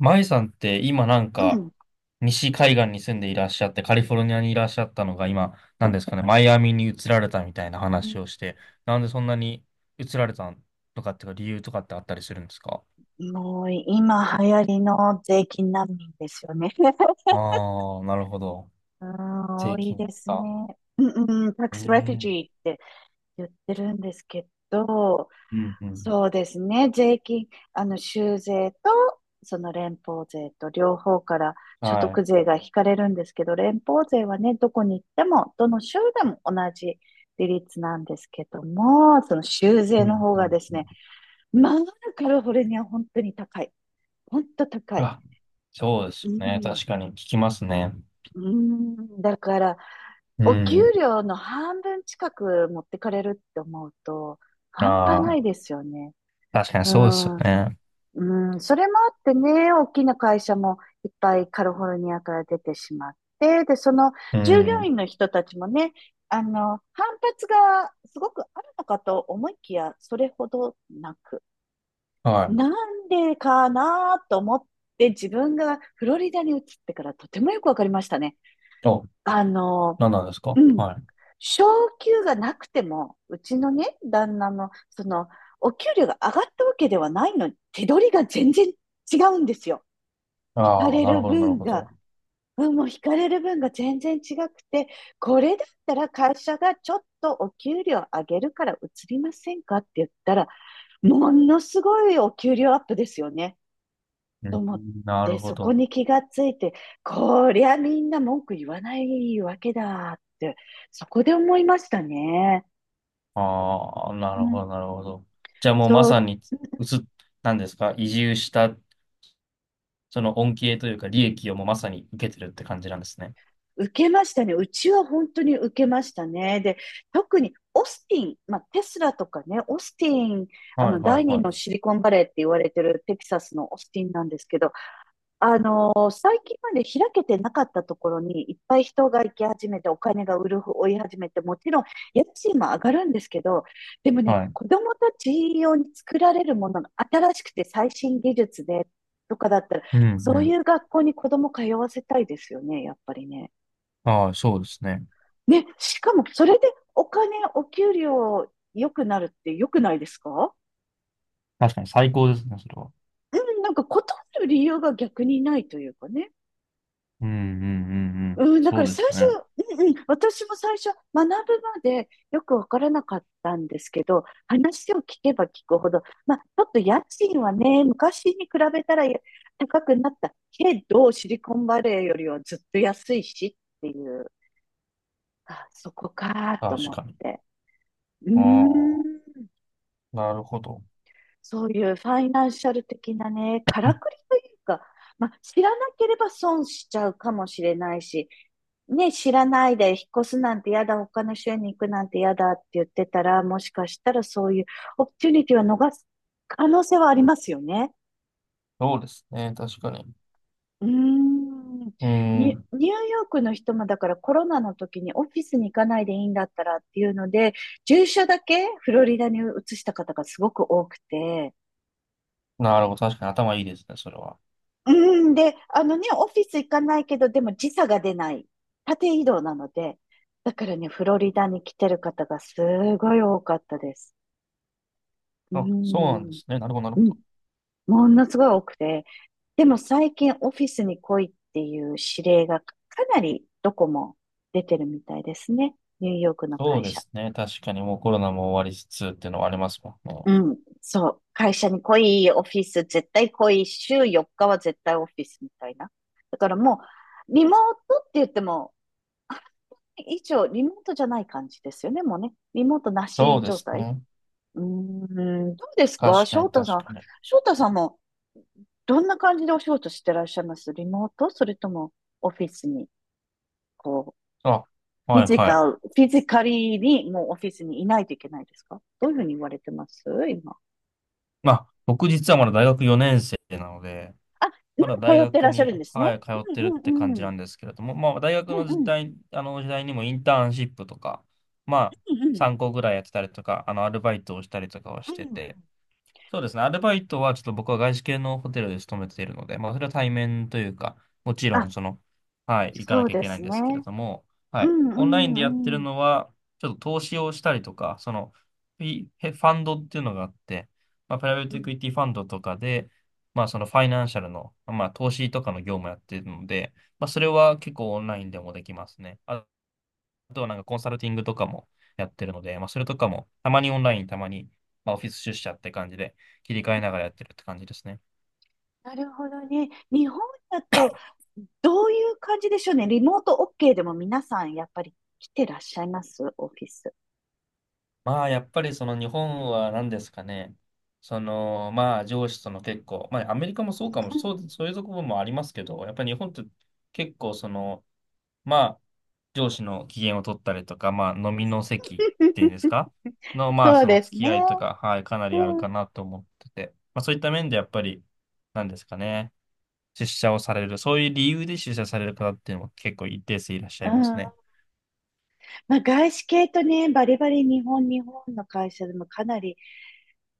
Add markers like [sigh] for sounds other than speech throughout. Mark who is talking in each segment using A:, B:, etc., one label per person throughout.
A: マイさんって今
B: うん。
A: 西海岸に住んでいらっしゃって、カリフォルニアにいらっしゃったのが今なんですかねマイアミに移られたみたいな話をして、なんでそんなに移られたとかっていうか理由とかってあったりするんですか？
B: もう今流行りの税金難民ですよね。
A: あ、
B: [laughs]
A: あー、なるほど。
B: うん、多
A: 税
B: い
A: 金で
B: で
A: す
B: すね。
A: か。
B: うんうん、タック
A: うー
B: スレフュジ
A: ん。
B: ーって言ってるんですけど、
A: うんうん。
B: そうですね、税金、州税と、その連邦税と両方から所
A: はい。
B: 得税が引かれるんですけど、連邦税はね、どこに行っても、どの州でも同じ利率なんですけども、その州税
A: うん
B: の方
A: う
B: が
A: ん
B: です
A: う
B: ね、
A: ん。
B: まあ、カリフォルニア本当に高い。ほんと高い。
A: あ、そうで
B: う
A: すね。
B: ん。
A: 確かに聞きますね。
B: うん、だから、
A: う
B: お給
A: ん。
B: 料の半分近く持ってかれるって思うと、半端な
A: ああ、
B: いですよね。
A: 確かに
B: う
A: そうですよ
B: ん、
A: ね。
B: うん、それもあってね、大きな会社もいっぱいカリフォルニアから出てしまって、で、その
A: う
B: 従業員
A: ん。
B: の人たちもね、反発がすごくあるのかと思いきや、それほどなく。
A: はい。
B: なんでかなと思って、自分がフロリダに移ってからとてもよくわかりましたね。
A: あ、
B: あの、
A: 何なんですか？
B: うん。
A: はい。
B: 昇給がなくても、うちのね、旦那の、お給料が上がったわけではないのに、手取りが全然違うんですよ。引か
A: ああ、
B: れ
A: なる
B: る
A: ほど、なる
B: 分
A: ほ
B: が、
A: ど。
B: 分も引かれる分が全然違くて、これだったら会社がちょっとお給料上げるから移りませんかって言ったら、ものすごいお給料アップですよね。
A: う
B: と
A: ん、
B: 思っ
A: なる
B: て、
A: ほ
B: そこ
A: ど。
B: に気がついて、こりゃみんな文句言わないわけだって、そこで思いましたね。
A: ああ、な
B: う
A: るほど、
B: ん。
A: なるほど。じゃあもうま
B: そ
A: さ
B: う、
A: に、うつ、なんですか、移住した、その恩恵というか利益をもうまさに受けてるって感じなんですね。
B: 受けましたね。うちは本当に受けましたね。で、特にオスティン、まあ、テスラとかね、オスティン、
A: はい、は
B: 第
A: い、
B: 二
A: は
B: の
A: い。
B: シリコンバレーって言われてるテキサスのオスティンなんですけど、最近まで開けてなかったところにいっぱい人が行き始めて、お金が売る、追い始めて、もちろん家賃も上がるんですけど、でもね、
A: はい。
B: 子供たち用に作られるものが新しくて最新技術でとかだったら、
A: うん、う
B: そうい
A: ん。
B: う学校に子供通わせたいですよね、やっぱりね。
A: ああ、そうですね。
B: ね、しかもそれでお金、お給料良くなるって良くないですか？
A: 確かに最高ですね、それは。
B: うん、なんか断る理由が逆にないというかね。
A: うん、うん、うん、うん。
B: うん、だか
A: そ
B: ら
A: うで
B: 最
A: す
B: 初、
A: ね。
B: うんうん、私も最初、学ぶまでよくわからなかったんですけど、話を聞けば聞くほど、まあ、ちょっと家賃はね、昔に比べたらや高くなったけど、シリコンバレーよりはずっと安いしっていう、あ、そこかと
A: 確
B: 思っ
A: かに。
B: て。うー
A: ああ、
B: ん。
A: なるほど。
B: そういうファイナンシャル的なね、からくりというか、まあ、知らなければ損しちゃうかもしれないし、ね、知らないで引っ越すなんて嫌だ、他の州に行くなんて嫌だって言ってたら、もしかしたらそういうオプチュニティは逃す可能性はありますよね。
A: そうですね、確かに。
B: うーん。
A: う
B: ニ
A: ん、
B: ューヨークの人もだからコロナの時にオフィスに行かないでいいんだったらっていうので、住所だけフロリダに移した方がすごく多くて、
A: なるほど。確かに頭いいですね、それは。
B: うん、で、あのね、オフィス行かないけど、でも時差が出ない。縦移動なので。だからね、フロリダに来てる方がすごい多かったです。う
A: あ、そうなんで
B: ん、
A: すね。なるほど、な
B: う
A: るほ
B: ん、
A: ど。
B: ものすごい多くて。でも最近オフィスに来いっていう指令がかなりどこも出てるみたいですね。ニューヨークの
A: そう
B: 会
A: で
B: 社。
A: すね。確かにもうコロナも終わりつつっていうのはありますもんね。
B: うん、そう。会社に来い、オフィス絶対来い、週4日は絶対オフィスみたいな。だからもう、リモートって言っても以上、リモートじゃない感じですよね、もうね。リモートな
A: そう
B: し
A: で
B: 状
A: す
B: 態。
A: ね。
B: うーん、どうですか、
A: 確か
B: 翔
A: に
B: 太さ
A: 確
B: ん。
A: かに。
B: 翔太さんも、どんな感じでお仕事してらっしゃいますリモート、それとも、オフィスに、こう、
A: あ、はいはい。
B: フィジカリーに、もうオフィスにいないといけないですか？どういうふうに言われてます今？
A: まあ、僕実はまだ大学4年生なので、
B: あ、ま
A: まだ
B: だ
A: 大
B: 通って
A: 学
B: らっしゃ
A: に、
B: るんですね。
A: はい、通って
B: う
A: る
B: ん
A: って感
B: う
A: じ
B: んう
A: な
B: ん。
A: んですけれども、まあ、大学
B: う
A: の時
B: んうん。
A: 代、あの時代にもインターンシップとか、まあ、
B: うんうん。
A: 3個ぐらいやってたりとか、あの、アルバイトをしたりとかは
B: う
A: してて、
B: ん。
A: そうですね。アルバイトはちょっと僕は外資系のホテルで勤めているので、まあそれは対面というか、もちろん
B: あ、
A: その、はい、行か
B: そ
A: な
B: う
A: きゃい
B: で
A: けない
B: す
A: んで
B: ね。
A: すけれども、
B: う
A: はい、
B: んう
A: オンラインでやって
B: ん
A: る
B: うん。
A: のは、ちょっと投資をしたりとか、その、フィファンドっていうのがあって、まあプライベー
B: う
A: トエク
B: ん。
A: イティファンドとかで、まあそのファイナンシャルの、まあ投資とかの業務やってるので、まあそれは結構オンラインでもできますね。あ、あとはなんかコンサルティングとかもやってるので、まあ、それとかもたまにオンライン、たまにまあオフィス出社って感じで切り替えながらやってるって感じですね。
B: なるほどね。日本だと、どういう感じでしょうね。リモート OK でも皆さんやっぱり来てらっしゃいますオフィス。
A: まあやっぱりその日本は何ですかね。そのまあ上司との結構、まあアメリカもそうかも、
B: う
A: そ
B: ん。
A: う、そういうところもありますけど、やっぱり日本って結構そのまあ上司の機嫌を取ったりとか、まあ飲みの席っていうんですかのまあ
B: そう
A: その
B: で
A: 付
B: す
A: き
B: ね。
A: 合いとか、はい、かな
B: う
A: りある
B: ん。うん。
A: かなと思ってて、まあそういった面でやっぱりなんですかね。出社をされる、そういう理由で出社される方っていうのも結構一定数いらっしゃいますね。
B: まあ、外資系とね、バリバリ日本の会社でもかなり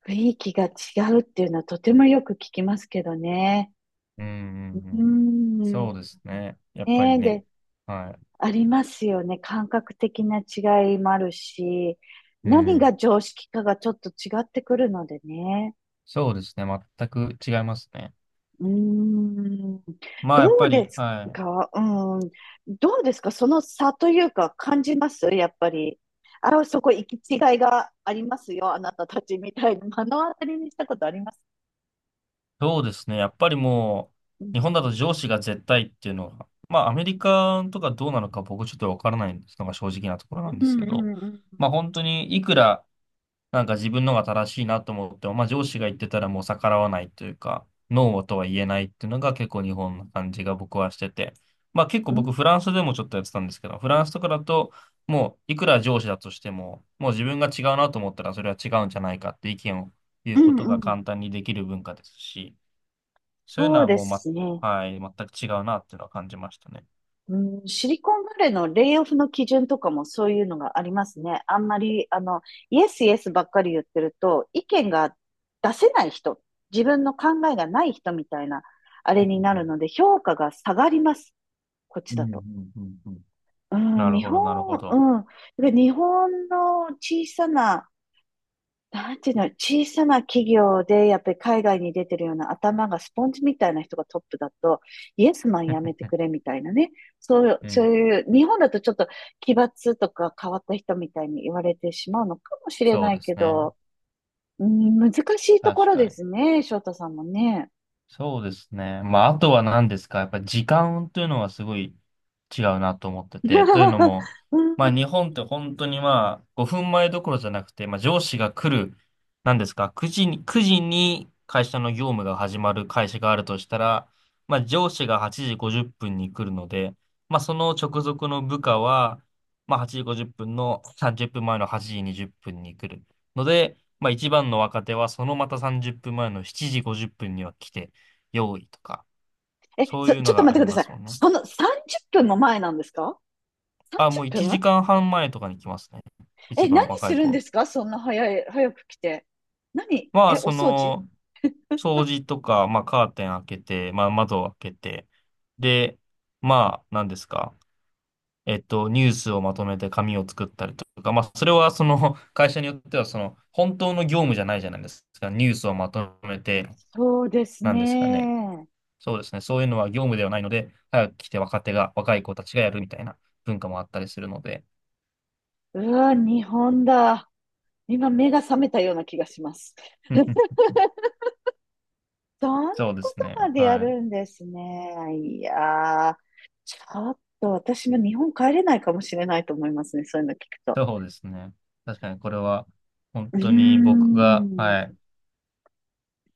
B: 雰囲気が違うっていうのはとてもよく聞きますけどね。
A: うんうんう
B: う
A: ん。
B: ん。
A: そうですね。やっぱり
B: ね、
A: ね。
B: で、
A: は
B: ありますよね。感覚的な違いもあるし、
A: い。う
B: 何が
A: ん。
B: 常識かがちょっと違ってくるのでね。
A: そうですね。全く違いますね。
B: うーん、
A: まあ、やっ
B: どう
A: ぱ
B: で
A: り、
B: す
A: はい。
B: か、うん、どうですか、その差というか感じますやっぱり？あ、そこ行き違いがありますよ、あなたたちみたいな。目の当たりにしたことあります？
A: そうですね。やっぱりも
B: うん
A: う、日
B: う
A: 本だ
B: ん。
A: と上司が絶対っていうのは、まあ、アメリカとかどうなのか僕ちょっとわからないのが正直なところなん
B: う
A: です
B: ん
A: けど、
B: うん
A: まあ、本当にいくら、なんか自分のが正しいなと思っても、まあ上司が言ってたらもう逆らわないというか、ノーとは言えないっていうのが結構日本の感じが僕はしてて、まあ結構
B: う
A: 僕
B: ん。
A: フランスでもちょっとやってたんですけど、フランスとかだともういくら上司だとしても、もう自分が違うなと思ったらそれは違うんじゃないかって意見を言
B: う
A: うこ
B: ん
A: と
B: うん
A: が
B: う
A: 簡
B: ん。
A: 単にできる文化ですし、そういうの
B: そう
A: は
B: で
A: もう
B: すね。
A: はい、全く違うなっていうのは感じましたね。
B: うん、シリコンバレーのレイオフの基準とかもそういうのがありますね。あんまり、イエスイエスばっかり言ってると、意見が出せない人、自分の考えがない人みたいな、あれ
A: う
B: になる
A: ん
B: ので、評価が下がります。こっ
A: う
B: ちだ
A: んう
B: と。
A: んうんうんうん、
B: うん、
A: なる
B: 日
A: ほ
B: 本、
A: ど、なるほど。
B: うん。だから日本の小さななんていうの、小さな企業で、やっぱり海外に出てるような頭がスポンジみたいな人がトップだと、イエスマンやめてくれ
A: [laughs]
B: みたいなね。
A: う
B: そう
A: ん、
B: いう、日本だとちょっと奇抜とか変わった人みたいに言われてしまうのかもしれ
A: そう
B: ない
A: で
B: け
A: すね。
B: ど、うん、難しいとこ
A: 確
B: ろ
A: か
B: で
A: に。
B: すね、翔太さんもね。
A: そうですね。まあ、あとは何ですか。やっぱ時間というのはすごい違うなと思ってて。というの
B: [laughs]
A: も、
B: う
A: まあ、
B: ん、
A: 日本って本当にまあ、5分前どころじゃなくて、まあ、上司が来る、何ですか、9時に、9時に会社の業務が始まる会社があるとしたら、まあ、上司が8時50分に来るので、まあ、その直属の部下は、まあ、8時50分の30分前の8時20分に来るので、まあ、一番の若手はそのまた30分前の7時50分には来て、用意とか、そういう
B: ちょ
A: の
B: っと
A: があ
B: 待っ
A: り
B: てくだ
A: ま
B: さ
A: す
B: い。
A: もんね。
B: その30分も前なんですか？
A: あ、もう
B: 30
A: 1
B: 分？
A: 時間半前とかに来ますね。一
B: え、
A: 番
B: 何
A: 若
B: す
A: い
B: るんで
A: 子。
B: すかそんな早い、早く来て。
A: まあ、
B: え、お
A: そ
B: 掃除？
A: の、掃除とか、まあ、カーテン開けて、まあ、窓を開けて、で、まあ、何ですか。えっと、ニュースをまとめて紙を作ったりとか、まあ、それはその、会社によっては、その、本当の業務じゃないじゃないですか。ニュースをまとめて、
B: そうです
A: なんですかね。
B: ね。
A: そうですね。そういうのは業務ではないので、早く来て若手が、若い子たちがやるみたいな文化もあったりするので。
B: うわ、日本だ。今目が覚めたような気がします。[laughs]
A: [laughs]
B: そんな
A: そうで
B: こ
A: す
B: とま
A: ね。
B: でや
A: は
B: る
A: い。
B: んですね。いやー、ちょっと私も日本帰れないかもしれないと思いますね。そういうの聞くと。
A: そうですね。確かにこれは、本
B: うー
A: 当に僕が、
B: ん。
A: はい、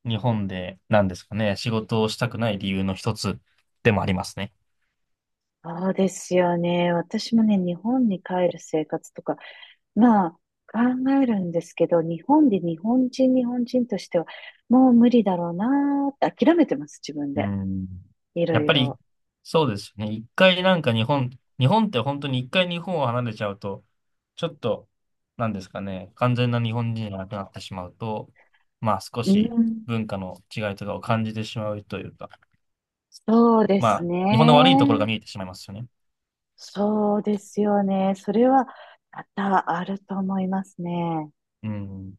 A: 日本で、なんですかね、仕事をしたくない理由の一つでもありますね。
B: そうですよね。私もね、日本に帰る生活とか、まあ、考えるんですけど、日本で日本人としては、もう無理だろうなーって諦めてます、自分
A: う
B: で。
A: ん。
B: いろ
A: やっ
B: い
A: ぱり、
B: ろ。
A: そうですよね。一回なんか日本、日本って本当に一回日本を離れちゃうと、ちょっと、なんですかね、完全な日本人じゃなくなってしまうと、まあ少
B: う
A: し
B: ん、
A: 文化の違いとかを感じてしまうというか、
B: そうで
A: ま
B: す
A: あ、日本の悪いところが
B: ね。
A: 見えてしまいますよね。
B: そうですよね。それは多々あると思いますね。
A: うん。